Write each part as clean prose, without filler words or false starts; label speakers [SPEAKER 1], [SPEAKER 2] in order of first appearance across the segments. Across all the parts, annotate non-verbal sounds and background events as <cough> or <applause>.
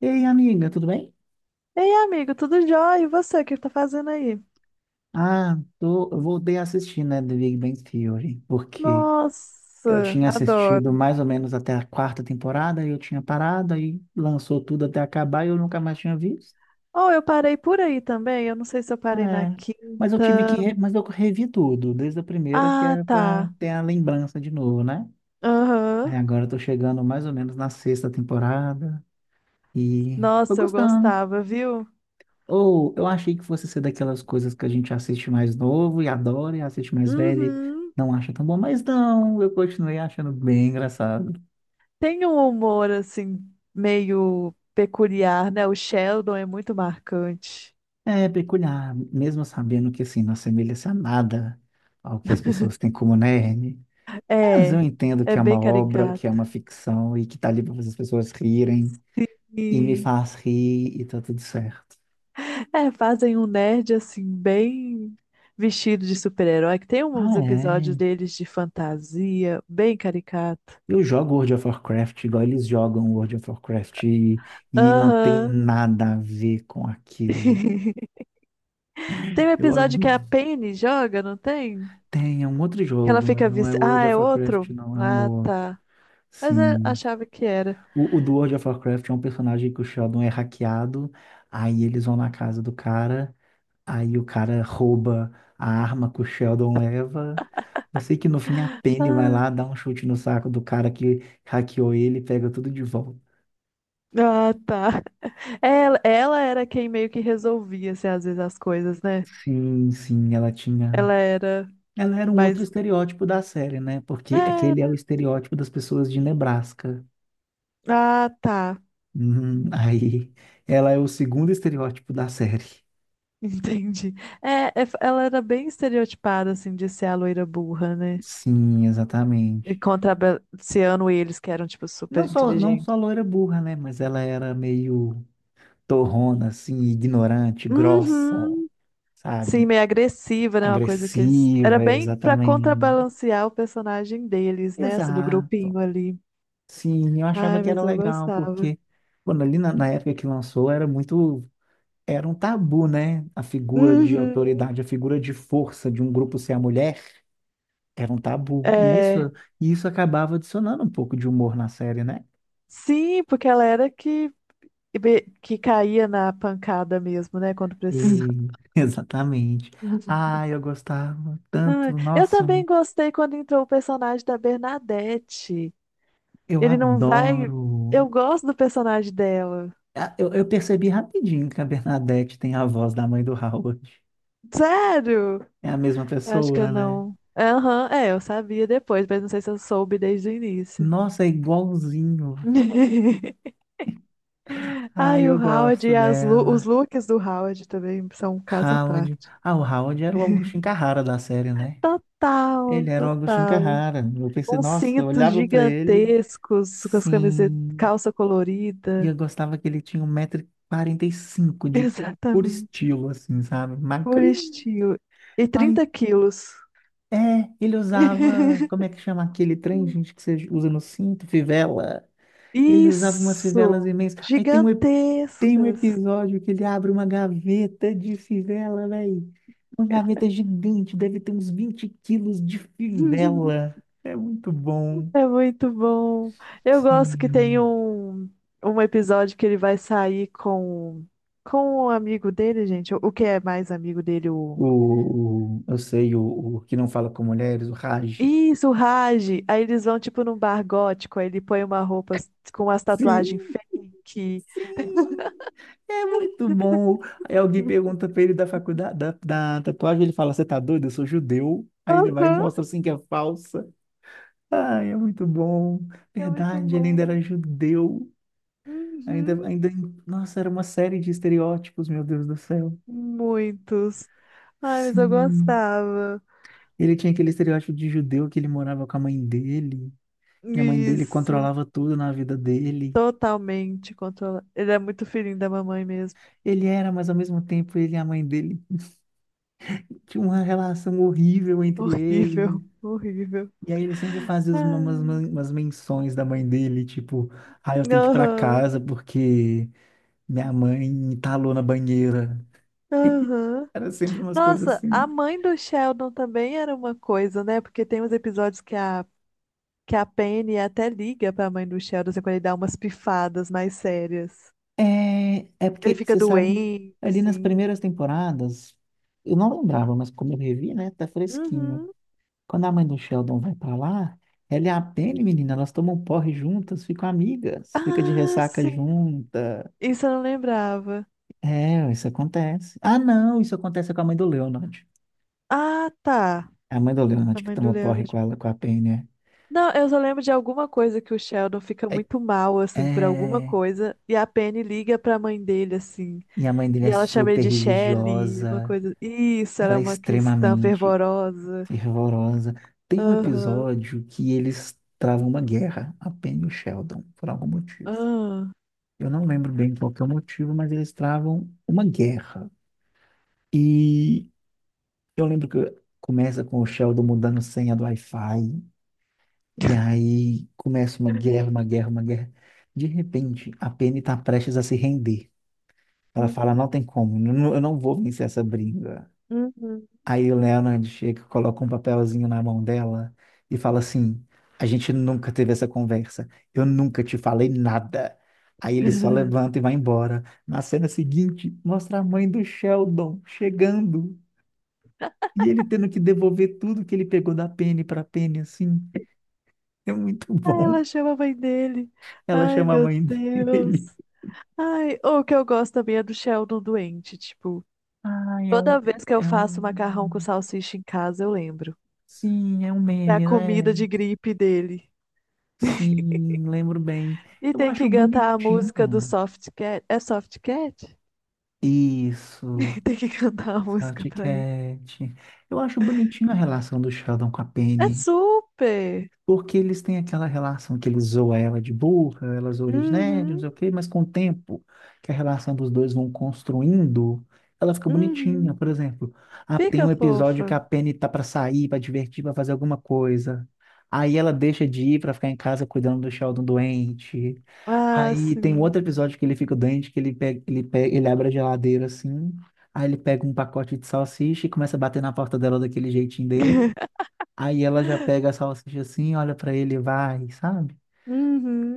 [SPEAKER 1] Ei, amiga, tudo bem?
[SPEAKER 2] Ei, amigo, tudo jóia? E você, o que tá fazendo aí?
[SPEAKER 1] Ah, tô, eu voltei a assistir, né, The Big Bang Theory, porque eu
[SPEAKER 2] Nossa,
[SPEAKER 1] tinha assistido
[SPEAKER 2] adoro.
[SPEAKER 1] mais ou menos até a quarta temporada, e eu tinha parado, aí lançou tudo até acabar e eu nunca mais tinha visto.
[SPEAKER 2] Oh, eu parei por aí também. Eu não sei se eu parei na
[SPEAKER 1] É, mas eu tive que,
[SPEAKER 2] quinta.
[SPEAKER 1] re- mas eu revi tudo, desde a primeira, que
[SPEAKER 2] Ah,
[SPEAKER 1] é pra
[SPEAKER 2] tá.
[SPEAKER 1] ter a lembrança de novo, né? Aí
[SPEAKER 2] Aham.
[SPEAKER 1] agora eu tô chegando mais ou menos na sexta temporada, e tô
[SPEAKER 2] Nossa, eu
[SPEAKER 1] gostando.
[SPEAKER 2] gostava, viu?
[SPEAKER 1] Ou eu achei que fosse ser daquelas coisas que a gente assiste mais novo e adora, e assiste mais velho e
[SPEAKER 2] Uhum.
[SPEAKER 1] não acha tão bom, mas não, eu continuei achando bem engraçado.
[SPEAKER 2] Tem um humor, assim, meio peculiar, né? O Sheldon é muito marcante.
[SPEAKER 1] É peculiar, mesmo sabendo que assim, não assemelha-se a nada ao que as pessoas têm como nerd. Mas eu
[SPEAKER 2] É,
[SPEAKER 1] entendo
[SPEAKER 2] é
[SPEAKER 1] que é uma
[SPEAKER 2] bem
[SPEAKER 1] obra, que é
[SPEAKER 2] caricato.
[SPEAKER 1] uma ficção e que tá ali para fazer as pessoas rirem, e me
[SPEAKER 2] Sim.
[SPEAKER 1] faz rir e tá tudo certo.
[SPEAKER 2] É, fazem um nerd assim, bem vestido de super-herói, que tem uns
[SPEAKER 1] Ah,
[SPEAKER 2] episódios
[SPEAKER 1] é.
[SPEAKER 2] deles de fantasia, bem caricato.
[SPEAKER 1] Eu jogo World of Warcraft igual eles jogam World of Warcraft e não tem
[SPEAKER 2] Aham.
[SPEAKER 1] nada a ver com aquilo.
[SPEAKER 2] <laughs> Tem um
[SPEAKER 1] Eu,
[SPEAKER 2] episódio que a Penny joga, não tem?
[SPEAKER 1] tem, é um outro
[SPEAKER 2] Que ela
[SPEAKER 1] jogo, mas
[SPEAKER 2] fica
[SPEAKER 1] não é
[SPEAKER 2] vice. Ah,
[SPEAKER 1] World
[SPEAKER 2] é
[SPEAKER 1] of Warcraft,
[SPEAKER 2] outro?
[SPEAKER 1] não, é um
[SPEAKER 2] Ah,
[SPEAKER 1] outro.
[SPEAKER 2] tá. Mas eu
[SPEAKER 1] Sim.
[SPEAKER 2] achava que era.
[SPEAKER 1] O, do World of Warcraft é um personagem que o Sheldon é hackeado, aí eles vão na casa do cara, aí o cara rouba a arma que o Sheldon leva. Eu sei que no fim a Penny vai
[SPEAKER 2] Ah,
[SPEAKER 1] lá, dá um chute no saco do cara que hackeou ele e pega tudo de volta.
[SPEAKER 2] ah, tá. <laughs> Ela era quem meio que resolvia, assim, às vezes as coisas, né?
[SPEAKER 1] Sim, sim, ela tinha.
[SPEAKER 2] Ela era
[SPEAKER 1] Ela era um outro
[SPEAKER 2] mais.
[SPEAKER 1] estereótipo da série, né? Porque aquele é o
[SPEAKER 2] Era.
[SPEAKER 1] estereótipo das pessoas de Nebraska.
[SPEAKER 2] Ah, tá.
[SPEAKER 1] Aí, ela é o segundo estereótipo da série.
[SPEAKER 2] <laughs> Entendi. É, ela era bem estereotipada, assim, de ser a loira burra, né?
[SPEAKER 1] Sim,
[SPEAKER 2] E
[SPEAKER 1] exatamente.
[SPEAKER 2] contrabalanceando eles, que eram, tipo, super
[SPEAKER 1] Não só
[SPEAKER 2] inteligentes.
[SPEAKER 1] loira burra, né? Mas ela era meio torrona, assim, ignorante, grossa,
[SPEAKER 2] Uhum. Sim,
[SPEAKER 1] sabe?
[SPEAKER 2] meio agressiva, né? Uma coisa que eles... Era
[SPEAKER 1] Agressiva,
[SPEAKER 2] bem pra
[SPEAKER 1] exatamente.
[SPEAKER 2] contrabalancear o personagem deles, né? Assim, do
[SPEAKER 1] Exato.
[SPEAKER 2] grupinho ali.
[SPEAKER 1] Sim, eu achava
[SPEAKER 2] Ai,
[SPEAKER 1] que era
[SPEAKER 2] mas eu
[SPEAKER 1] legal,
[SPEAKER 2] gostava.
[SPEAKER 1] porque, quando ali na época que lançou, era muito. Era um tabu, né? A figura de
[SPEAKER 2] Uhum.
[SPEAKER 1] autoridade, a figura de força de um grupo ser a mulher era um tabu.
[SPEAKER 2] É...
[SPEAKER 1] E isso acabava adicionando um pouco de humor na série, né?
[SPEAKER 2] Sim, porque ela era que caía na pancada mesmo, né? Quando precisava.
[SPEAKER 1] E,
[SPEAKER 2] <laughs>
[SPEAKER 1] <laughs> exatamente. Ah, eu gostava
[SPEAKER 2] Ai,
[SPEAKER 1] tanto.
[SPEAKER 2] eu
[SPEAKER 1] Nossa,
[SPEAKER 2] também gostei quando entrou o personagem da Bernadette.
[SPEAKER 1] eu
[SPEAKER 2] Ele não vai. Eu
[SPEAKER 1] adoro.
[SPEAKER 2] gosto do personagem dela.
[SPEAKER 1] Ah, eu percebi rapidinho que a Bernadette tem a voz da mãe do Howard.
[SPEAKER 2] Sério?
[SPEAKER 1] É a mesma
[SPEAKER 2] Eu acho que eu
[SPEAKER 1] pessoa, né?
[SPEAKER 2] não. Aham, é, eu sabia depois, mas não sei se eu soube desde o início.
[SPEAKER 1] Nossa, é igualzinho.
[SPEAKER 2] <laughs>
[SPEAKER 1] Ah,
[SPEAKER 2] Ai, o
[SPEAKER 1] eu
[SPEAKER 2] Howard
[SPEAKER 1] gosto
[SPEAKER 2] e as os
[SPEAKER 1] dela.
[SPEAKER 2] looks do Howard também são um caso à
[SPEAKER 1] Howard.
[SPEAKER 2] parte.
[SPEAKER 1] Ah, o Howard era o Agostinho Carrara da série, né?
[SPEAKER 2] Total,
[SPEAKER 1] Ele era o Agostinho
[SPEAKER 2] total.
[SPEAKER 1] Carrara. Eu pensei,
[SPEAKER 2] Uns
[SPEAKER 1] nossa, eu
[SPEAKER 2] cintos
[SPEAKER 1] olhava pra ele,
[SPEAKER 2] gigantescos com as camisetas,
[SPEAKER 1] sim.
[SPEAKER 2] calça
[SPEAKER 1] E eu
[SPEAKER 2] colorida.
[SPEAKER 1] gostava que ele tinha 1,45 m
[SPEAKER 2] <laughs>
[SPEAKER 1] de puro
[SPEAKER 2] Exatamente.
[SPEAKER 1] estilo, assim, sabe?
[SPEAKER 2] Por
[SPEAKER 1] Magrinho.
[SPEAKER 2] estilo. E
[SPEAKER 1] Ai,
[SPEAKER 2] 30 quilos.
[SPEAKER 1] é, ele usava, como
[SPEAKER 2] <laughs>
[SPEAKER 1] é que chama aquele trem, gente, que você usa no cinto, fivela. Ele usava umas fivelas
[SPEAKER 2] Isso!
[SPEAKER 1] imensas. Aí tem um
[SPEAKER 2] Gigantescas!
[SPEAKER 1] episódio que ele abre uma gaveta de fivela, velho. Uma gaveta gigante, deve ter uns 20 quilos de
[SPEAKER 2] <laughs>
[SPEAKER 1] fivela. É muito bom.
[SPEAKER 2] É muito bom. Eu gosto que
[SPEAKER 1] Sim.
[SPEAKER 2] tem um episódio que ele vai sair com o amigo dele, gente. O que é mais amigo dele? O...
[SPEAKER 1] Eu sei, o que não fala com mulheres, o Raj.
[SPEAKER 2] Isso, o Raj. Aí eles vão, tipo, num bar gótico. Aí ele põe uma roupa com umas
[SPEAKER 1] Sim,
[SPEAKER 2] tatuagens fake.
[SPEAKER 1] sim. É muito bom. Aí alguém pergunta pra ele da faculdade, da tatuagem, ele fala, você tá doido? Eu sou judeu. Aí ele vai e
[SPEAKER 2] Aham,
[SPEAKER 1] mostra assim que é falsa. Ai, é muito bom.
[SPEAKER 2] é muito
[SPEAKER 1] Verdade, ele ainda
[SPEAKER 2] bom.
[SPEAKER 1] era judeu. Ainda,
[SPEAKER 2] Uhum.
[SPEAKER 1] ainda, nossa, era uma série de estereótipos, meu Deus do céu.
[SPEAKER 2] Muitos. Ai, mas eu
[SPEAKER 1] Sim.
[SPEAKER 2] gostava.
[SPEAKER 1] Ele tinha aquele estereótipo de judeu que ele morava com a mãe dele. E a mãe dele
[SPEAKER 2] Isso.
[SPEAKER 1] controlava tudo na vida dele.
[SPEAKER 2] Totalmente controlado. Ele é muito filhinho da mamãe mesmo.
[SPEAKER 1] Ele era, mas ao mesmo tempo ele e a mãe dele tinha uma relação horrível entre ele.
[SPEAKER 2] Horrível, <laughs> horrível.
[SPEAKER 1] E aí ele sempre fazia as- umas,
[SPEAKER 2] Ai.
[SPEAKER 1] umas menções da mãe dele, tipo, ah, eu tenho que ir pra
[SPEAKER 2] Aham,
[SPEAKER 1] casa porque minha mãe entalou na banheira.
[SPEAKER 2] aham.
[SPEAKER 1] Era sempre umas coisas
[SPEAKER 2] Nossa, a
[SPEAKER 1] assim.
[SPEAKER 2] mãe do Sheldon também era uma coisa, né? Porque tem uns episódios que a Penny até liga pra mãe do Sheldon, assim, quando ele dá umas pifadas mais sérias.
[SPEAKER 1] É, é
[SPEAKER 2] Ele
[SPEAKER 1] porque,
[SPEAKER 2] fica
[SPEAKER 1] você sabe,
[SPEAKER 2] doente,
[SPEAKER 1] ali nas
[SPEAKER 2] assim.
[SPEAKER 1] primeiras temporadas, eu não lembrava, mas como eu revi, né, tá fresquinho.
[SPEAKER 2] Uhum.
[SPEAKER 1] Quando a mãe do Sheldon vai pra lá, ela é a Penny, menina. Elas tomam porre juntas, ficam amigas, fica de
[SPEAKER 2] Ah,
[SPEAKER 1] ressaca
[SPEAKER 2] sim.
[SPEAKER 1] junta.
[SPEAKER 2] Isso eu não lembrava.
[SPEAKER 1] É, isso acontece. Ah, não, isso acontece com a mãe do Leonard.
[SPEAKER 2] Ah, tá.
[SPEAKER 1] É a mãe do
[SPEAKER 2] A
[SPEAKER 1] Leonard que
[SPEAKER 2] mãe do
[SPEAKER 1] toma porre com
[SPEAKER 2] Leonard.
[SPEAKER 1] ela, com a Penny, né?
[SPEAKER 2] Não, eu só lembro de alguma coisa que o Sheldon fica
[SPEAKER 1] É,
[SPEAKER 2] muito mal, assim, por alguma
[SPEAKER 1] é,
[SPEAKER 2] coisa, e a Penny liga pra mãe dele, assim,
[SPEAKER 1] e a mãe dele
[SPEAKER 2] e
[SPEAKER 1] é
[SPEAKER 2] ela chama ele
[SPEAKER 1] super
[SPEAKER 2] de Shelley, uma
[SPEAKER 1] religiosa.
[SPEAKER 2] coisa. Isso, ela
[SPEAKER 1] Ela
[SPEAKER 2] é
[SPEAKER 1] é
[SPEAKER 2] uma cristã
[SPEAKER 1] extremamente
[SPEAKER 2] fervorosa.
[SPEAKER 1] fervorosa. Tem um
[SPEAKER 2] Aham,
[SPEAKER 1] episódio que eles travam uma guerra, a Penny e o Sheldon, por algum motivo.
[SPEAKER 2] ah,
[SPEAKER 1] Eu não lembro bem qual que é o motivo, mas eles travam uma guerra. E eu lembro que começa com o Sheldon mudando senha do Wi-Fi, e aí começa uma guerra, uma guerra, uma guerra. De repente, a Penny está prestes a se render. Ela
[SPEAKER 2] hum,
[SPEAKER 1] fala, não tem como, eu não vou vencer essa briga.
[SPEAKER 2] uhum.
[SPEAKER 1] Aí o Leonard chega, coloca um papelzinho na mão dela e fala assim, a gente nunca teve essa conversa, eu nunca te falei nada. Aí ele só
[SPEAKER 2] <laughs>
[SPEAKER 1] levanta e vai embora. Na cena seguinte, mostra a mãe do Sheldon chegando. E ele tendo que devolver tudo que ele pegou da Penny pra Penny, assim, é muito <laughs>
[SPEAKER 2] Ah,
[SPEAKER 1] bom.
[SPEAKER 2] ela chama a mãe dele.
[SPEAKER 1] Ela
[SPEAKER 2] Ai,
[SPEAKER 1] chama a
[SPEAKER 2] meu
[SPEAKER 1] mãe <laughs>
[SPEAKER 2] Deus.
[SPEAKER 1] dele.
[SPEAKER 2] Ai, o que eu gosto também é do Sheldon doente, tipo,
[SPEAKER 1] Ai, é um,
[SPEAKER 2] toda vez que eu
[SPEAKER 1] é
[SPEAKER 2] faço macarrão com
[SPEAKER 1] um...
[SPEAKER 2] salsicha em casa, eu lembro.
[SPEAKER 1] Sim, é um
[SPEAKER 2] É a
[SPEAKER 1] meme, né?
[SPEAKER 2] comida de gripe dele.
[SPEAKER 1] Sim, lembro bem.
[SPEAKER 2] E
[SPEAKER 1] Eu
[SPEAKER 2] tem
[SPEAKER 1] acho
[SPEAKER 2] que cantar a
[SPEAKER 1] bonitinho.
[SPEAKER 2] música do Soft Cat. É Soft Cat? <laughs>
[SPEAKER 1] Isso,
[SPEAKER 2] E tem que cantar a música
[SPEAKER 1] Salty
[SPEAKER 2] pra ele.
[SPEAKER 1] Cat. Eu acho bonitinho a relação do Sheldon com a
[SPEAKER 2] É
[SPEAKER 1] Penny.
[SPEAKER 2] super!
[SPEAKER 1] Porque eles têm aquela relação que ele zoa ela de burra, ela zoa ele de nerd, não
[SPEAKER 2] Uhum,
[SPEAKER 1] sei o quê, mas com o tempo que a relação dos dois vão construindo, ela fica bonitinha.
[SPEAKER 2] uhum.
[SPEAKER 1] Por exemplo, ah, tem
[SPEAKER 2] Fica
[SPEAKER 1] um episódio que
[SPEAKER 2] fofa.
[SPEAKER 1] a Penny tá pra sair, pra divertir, pra fazer alguma coisa. Aí ela deixa de ir pra ficar em casa cuidando do Sheldon doente.
[SPEAKER 2] Ah,
[SPEAKER 1] Aí tem um
[SPEAKER 2] sim.
[SPEAKER 1] outro episódio que ele fica doente, que ele abre a geladeira assim, aí ele pega um pacote de salsicha e começa a bater na porta dela daquele jeitinho dele. Aí ela já
[SPEAKER 2] <laughs>
[SPEAKER 1] pega a salsicha assim, olha pra ele, e vai, sabe?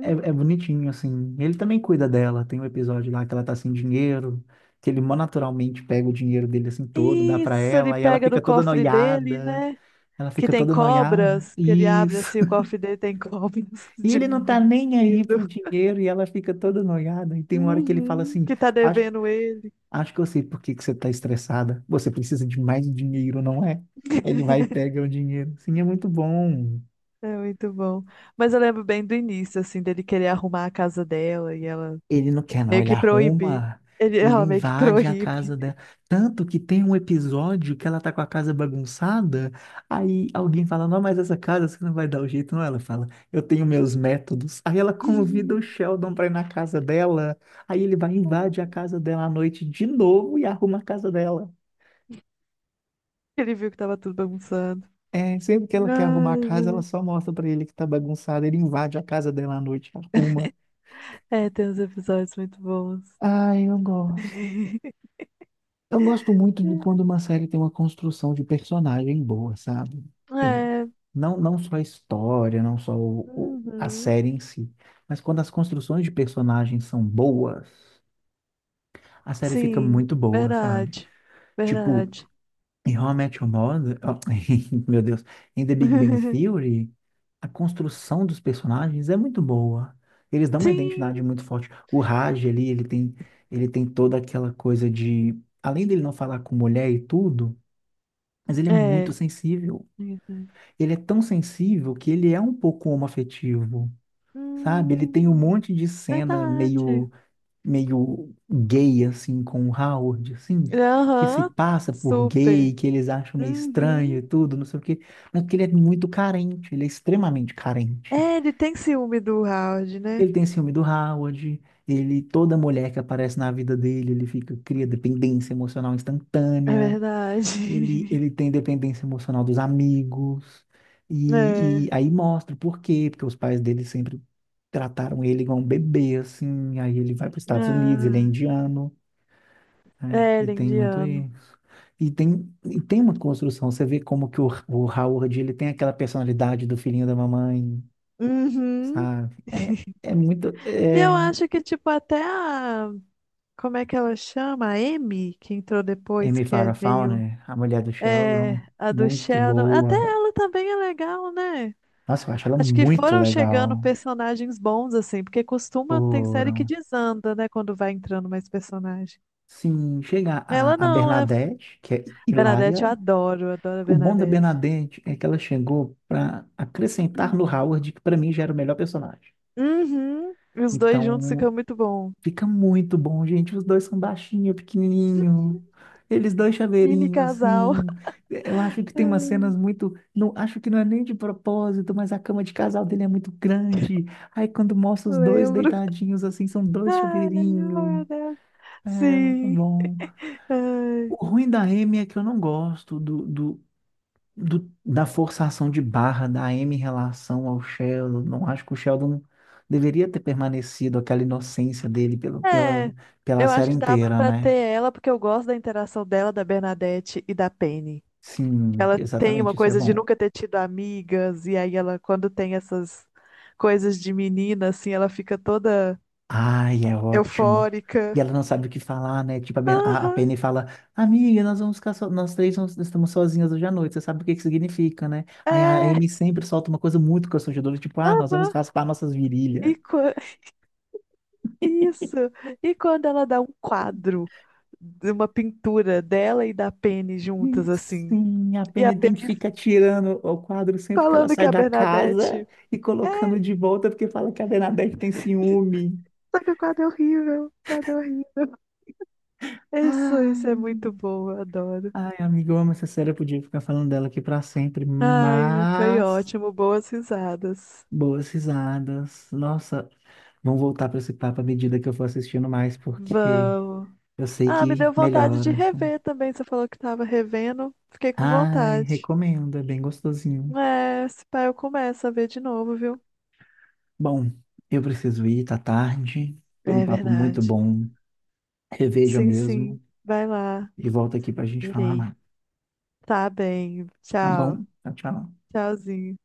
[SPEAKER 1] É, é bonitinho, assim. Ele também cuida dela. Tem um episódio lá que ela tá sem dinheiro, que ele mó naturalmente pega o dinheiro dele assim todo, dá pra
[SPEAKER 2] Isso, ele
[SPEAKER 1] ela, e ela
[SPEAKER 2] pega
[SPEAKER 1] fica
[SPEAKER 2] do
[SPEAKER 1] toda
[SPEAKER 2] cofre dele,
[SPEAKER 1] noiada.
[SPEAKER 2] né?
[SPEAKER 1] Ela
[SPEAKER 2] Que
[SPEAKER 1] fica
[SPEAKER 2] tem
[SPEAKER 1] toda noiada.
[SPEAKER 2] cobras, que ele abre
[SPEAKER 1] Isso.
[SPEAKER 2] assim, o
[SPEAKER 1] <laughs>
[SPEAKER 2] cofre dele tem cobras <laughs>
[SPEAKER 1] E
[SPEAKER 2] de
[SPEAKER 1] ele não tá nem aí
[SPEAKER 2] brinquedo.
[SPEAKER 1] pro dinheiro e ela fica toda noiada. E tem uma hora que ele fala
[SPEAKER 2] Uhum,
[SPEAKER 1] assim:
[SPEAKER 2] que tá
[SPEAKER 1] Acho,
[SPEAKER 2] devendo ele.
[SPEAKER 1] acho que eu sei por que que você tá estressada. Você precisa de mais dinheiro, não é? Ele vai e
[SPEAKER 2] <laughs>
[SPEAKER 1] pega o dinheiro. Sim, é muito bom.
[SPEAKER 2] É muito bom. Mas eu lembro bem do início, assim, dele querer arrumar a casa dela e ela
[SPEAKER 1] Ele não quer, não.
[SPEAKER 2] meio
[SPEAKER 1] Ele
[SPEAKER 2] que proibir.
[SPEAKER 1] arruma,
[SPEAKER 2] Ele,
[SPEAKER 1] ele
[SPEAKER 2] ela meio que
[SPEAKER 1] invade a
[SPEAKER 2] proíbe.
[SPEAKER 1] casa dela. Tanto que tem um episódio que ela tá com a casa bagunçada. Aí alguém fala: Não, mas essa casa você não vai dar o jeito, não. Ela fala: Eu tenho meus métodos. Aí ela convida o
[SPEAKER 2] <laughs>
[SPEAKER 1] Sheldon pra ir na casa dela. Aí ele vai invade a casa dela à noite de novo e arruma a casa dela.
[SPEAKER 2] Ele viu que tava tudo bagunçado.
[SPEAKER 1] É, sempre que ela quer arrumar a
[SPEAKER 2] Ai,
[SPEAKER 1] casa, ela
[SPEAKER 2] velho.
[SPEAKER 1] só mostra pra ele que tá bagunçada. Ele invade a casa dela à noite, arruma.
[SPEAKER 2] É, tem uns episódios muito bons.
[SPEAKER 1] Ai, eu gosto.
[SPEAKER 2] <laughs>
[SPEAKER 1] Eu gosto muito de quando uma série tem uma construção de personagem boa, sabe? Eu-
[SPEAKER 2] É,
[SPEAKER 1] não, não só a história, não só a
[SPEAKER 2] uhum.
[SPEAKER 1] série em si, mas quando as construções de personagens são boas, a série fica
[SPEAKER 2] Sim,
[SPEAKER 1] muito boa, sabe?
[SPEAKER 2] verdade.
[SPEAKER 1] Tipo,
[SPEAKER 2] Verdade.
[SPEAKER 1] em How I Met Your Mother, ó, <laughs> meu Deus, em The Big Bang
[SPEAKER 2] <laughs>
[SPEAKER 1] Theory, a construção dos personagens é muito boa. Eles dão uma identidade
[SPEAKER 2] Sim,
[SPEAKER 1] muito forte. O Raj ali, ele tem toda aquela coisa de, além dele não falar com mulher e tudo, mas ele é muito
[SPEAKER 2] é.
[SPEAKER 1] sensível.
[SPEAKER 2] Isso.
[SPEAKER 1] Ele é tão sensível que ele é um pouco homoafetivo, sabe? Ele tem um
[SPEAKER 2] Hum,
[SPEAKER 1] monte de cena
[SPEAKER 2] verdade.
[SPEAKER 1] meio, meio gay, assim, com o Howard, assim, que se
[SPEAKER 2] Aham,
[SPEAKER 1] passa por
[SPEAKER 2] super.
[SPEAKER 1] gay, que eles acham meio estranho e
[SPEAKER 2] Uhum.
[SPEAKER 1] tudo, não sei o quê. Mas porque ele é muito carente, ele é extremamente carente.
[SPEAKER 2] É, ele tem ciúme do Howard, né?
[SPEAKER 1] Ele tem ciúme do Howard, toda mulher que aparece na vida dele, ele fica, cria dependência emocional
[SPEAKER 2] É
[SPEAKER 1] instantânea.
[SPEAKER 2] verdade.
[SPEAKER 1] Ele,
[SPEAKER 2] <laughs>
[SPEAKER 1] ele tem dependência emocional dos amigos. E,
[SPEAKER 2] É.
[SPEAKER 1] e aí mostra por quê, porque os pais dele sempre trataram ele igual um bebê, assim. Aí ele vai para os Estados Unidos, ele é
[SPEAKER 2] Ah,
[SPEAKER 1] indiano,
[SPEAKER 2] é,
[SPEAKER 1] e
[SPEAKER 2] ele é
[SPEAKER 1] tem muito
[SPEAKER 2] indiano.
[SPEAKER 1] isso. E tem uma construção, você vê como que o Howard, ele tem aquela personalidade do filhinho da mamãe,
[SPEAKER 2] Uhum.
[SPEAKER 1] sabe? É, é muito...
[SPEAKER 2] E eu
[SPEAKER 1] É...
[SPEAKER 2] acho que, tipo, até a. Como é que ela chama? A Amy, que entrou depois,
[SPEAKER 1] Amy
[SPEAKER 2] que é
[SPEAKER 1] Farrah
[SPEAKER 2] meio.
[SPEAKER 1] Fowler, a mulher do
[SPEAKER 2] É,
[SPEAKER 1] Sheldon,
[SPEAKER 2] a do
[SPEAKER 1] muito
[SPEAKER 2] Sheldon. Até
[SPEAKER 1] boa.
[SPEAKER 2] ela também é legal, né?
[SPEAKER 1] Nossa, eu acho ela
[SPEAKER 2] Acho que
[SPEAKER 1] muito
[SPEAKER 2] foram chegando
[SPEAKER 1] legal.
[SPEAKER 2] personagens bons, assim, porque costuma, tem série que
[SPEAKER 1] Foram.
[SPEAKER 2] desanda, né, quando vai entrando mais personagem.
[SPEAKER 1] Sim, chega
[SPEAKER 2] Ela
[SPEAKER 1] a
[SPEAKER 2] não, ela é
[SPEAKER 1] Bernadette, que é hilária.
[SPEAKER 2] Bernadette, eu adoro, adoro a
[SPEAKER 1] O bom da
[SPEAKER 2] Bernadette.
[SPEAKER 1] Bernadette é que ela chegou para acrescentar no
[SPEAKER 2] Hum.
[SPEAKER 1] Howard, que para mim já era o melhor personagem.
[SPEAKER 2] Uhum. E os dois juntos
[SPEAKER 1] Então,
[SPEAKER 2] ficam muito bom.
[SPEAKER 1] fica muito bom, gente. Os dois são baixinho, pequenininho. Eles dois
[SPEAKER 2] Mini
[SPEAKER 1] chaveirinho,
[SPEAKER 2] casal.
[SPEAKER 1] assim. Eu acho que tem umas
[SPEAKER 2] <laughs>
[SPEAKER 1] cenas muito. Não, acho que não é nem de propósito, mas a cama de casal dele é muito grande. Aí, quando mostra os dois
[SPEAKER 2] Lembro.
[SPEAKER 1] deitadinhos, assim, são dois
[SPEAKER 2] Ai,
[SPEAKER 1] chaveirinho.
[SPEAKER 2] meu Deus.
[SPEAKER 1] É, muito
[SPEAKER 2] Sim.
[SPEAKER 1] bom.
[SPEAKER 2] Ai.
[SPEAKER 1] O ruim da M é que eu não gosto da forçação de barra da M em relação ao Sheldon. Não acho que o Sheldon deveria ter permanecido aquela inocência dele
[SPEAKER 2] É,
[SPEAKER 1] pela
[SPEAKER 2] eu acho
[SPEAKER 1] série
[SPEAKER 2] que dava
[SPEAKER 1] inteira,
[SPEAKER 2] pra ter
[SPEAKER 1] né?
[SPEAKER 2] ela, porque eu gosto da interação dela, da Bernadette e da Penny.
[SPEAKER 1] Sim,
[SPEAKER 2] Ela tem uma
[SPEAKER 1] exatamente, isso é
[SPEAKER 2] coisa de
[SPEAKER 1] bom.
[SPEAKER 2] nunca ter tido amigas, e aí ela, quando tem essas coisas de menina, assim, ela fica toda
[SPEAKER 1] Ai, é ótimo.
[SPEAKER 2] eufórica.
[SPEAKER 1] E ela não sabe o que falar, né? Tipo, a, Ben- a
[SPEAKER 2] Aham,
[SPEAKER 1] Penny fala, amiga, nós vamos ficar so... nós três vamos- estamos sozinhas hoje à noite, você sabe o que que significa, né? Aí a
[SPEAKER 2] é,
[SPEAKER 1] Amy sempre solta uma coisa muito constrangedora, tipo, ah, nós vamos
[SPEAKER 2] aham.
[SPEAKER 1] raspar nossas virilhas.
[SPEAKER 2] E, isso. E quando ela dá um quadro de uma pintura dela e da Penny juntas, assim.
[SPEAKER 1] Sim, a
[SPEAKER 2] E a
[SPEAKER 1] Penny tem que
[SPEAKER 2] Penny
[SPEAKER 1] ficar tirando o quadro sempre que ela
[SPEAKER 2] falando que
[SPEAKER 1] sai
[SPEAKER 2] é a
[SPEAKER 1] da casa
[SPEAKER 2] Bernadette.
[SPEAKER 1] e colocando de volta porque fala que a Bernadette tem ciúme.
[SPEAKER 2] Só que o quadro é horrível. O quadro é horrível. Isso é
[SPEAKER 1] Ai,
[SPEAKER 2] muito bom, eu adoro.
[SPEAKER 1] ai, amiga, eu amo essa série, eu podia ficar falando dela aqui pra sempre,
[SPEAKER 2] Ai, foi
[SPEAKER 1] mas
[SPEAKER 2] ótimo, boas risadas.
[SPEAKER 1] boas risadas. Nossa, vão voltar pra esse papo à medida que eu for assistindo mais, porque
[SPEAKER 2] Vamos.
[SPEAKER 1] eu sei
[SPEAKER 2] Ah, me
[SPEAKER 1] que
[SPEAKER 2] deu vontade de
[SPEAKER 1] melhora, assim.
[SPEAKER 2] rever também. Você falou que tava revendo. Fiquei com
[SPEAKER 1] Ai,
[SPEAKER 2] vontade.
[SPEAKER 1] recomendo, é bem gostosinho.
[SPEAKER 2] É, se pá, eu começo a ver de novo, viu?
[SPEAKER 1] Bom, eu preciso ir, tá tarde. Foi um
[SPEAKER 2] É
[SPEAKER 1] papo muito
[SPEAKER 2] verdade.
[SPEAKER 1] bom. Reveja
[SPEAKER 2] Sim, sim.
[SPEAKER 1] mesmo,
[SPEAKER 2] Vai lá.
[SPEAKER 1] e volta aqui para a gente falar
[SPEAKER 2] Verei.
[SPEAKER 1] mais.
[SPEAKER 2] Tá bem.
[SPEAKER 1] Tá
[SPEAKER 2] Tchau.
[SPEAKER 1] bom? Tchau, tchau.
[SPEAKER 2] Tchauzinho.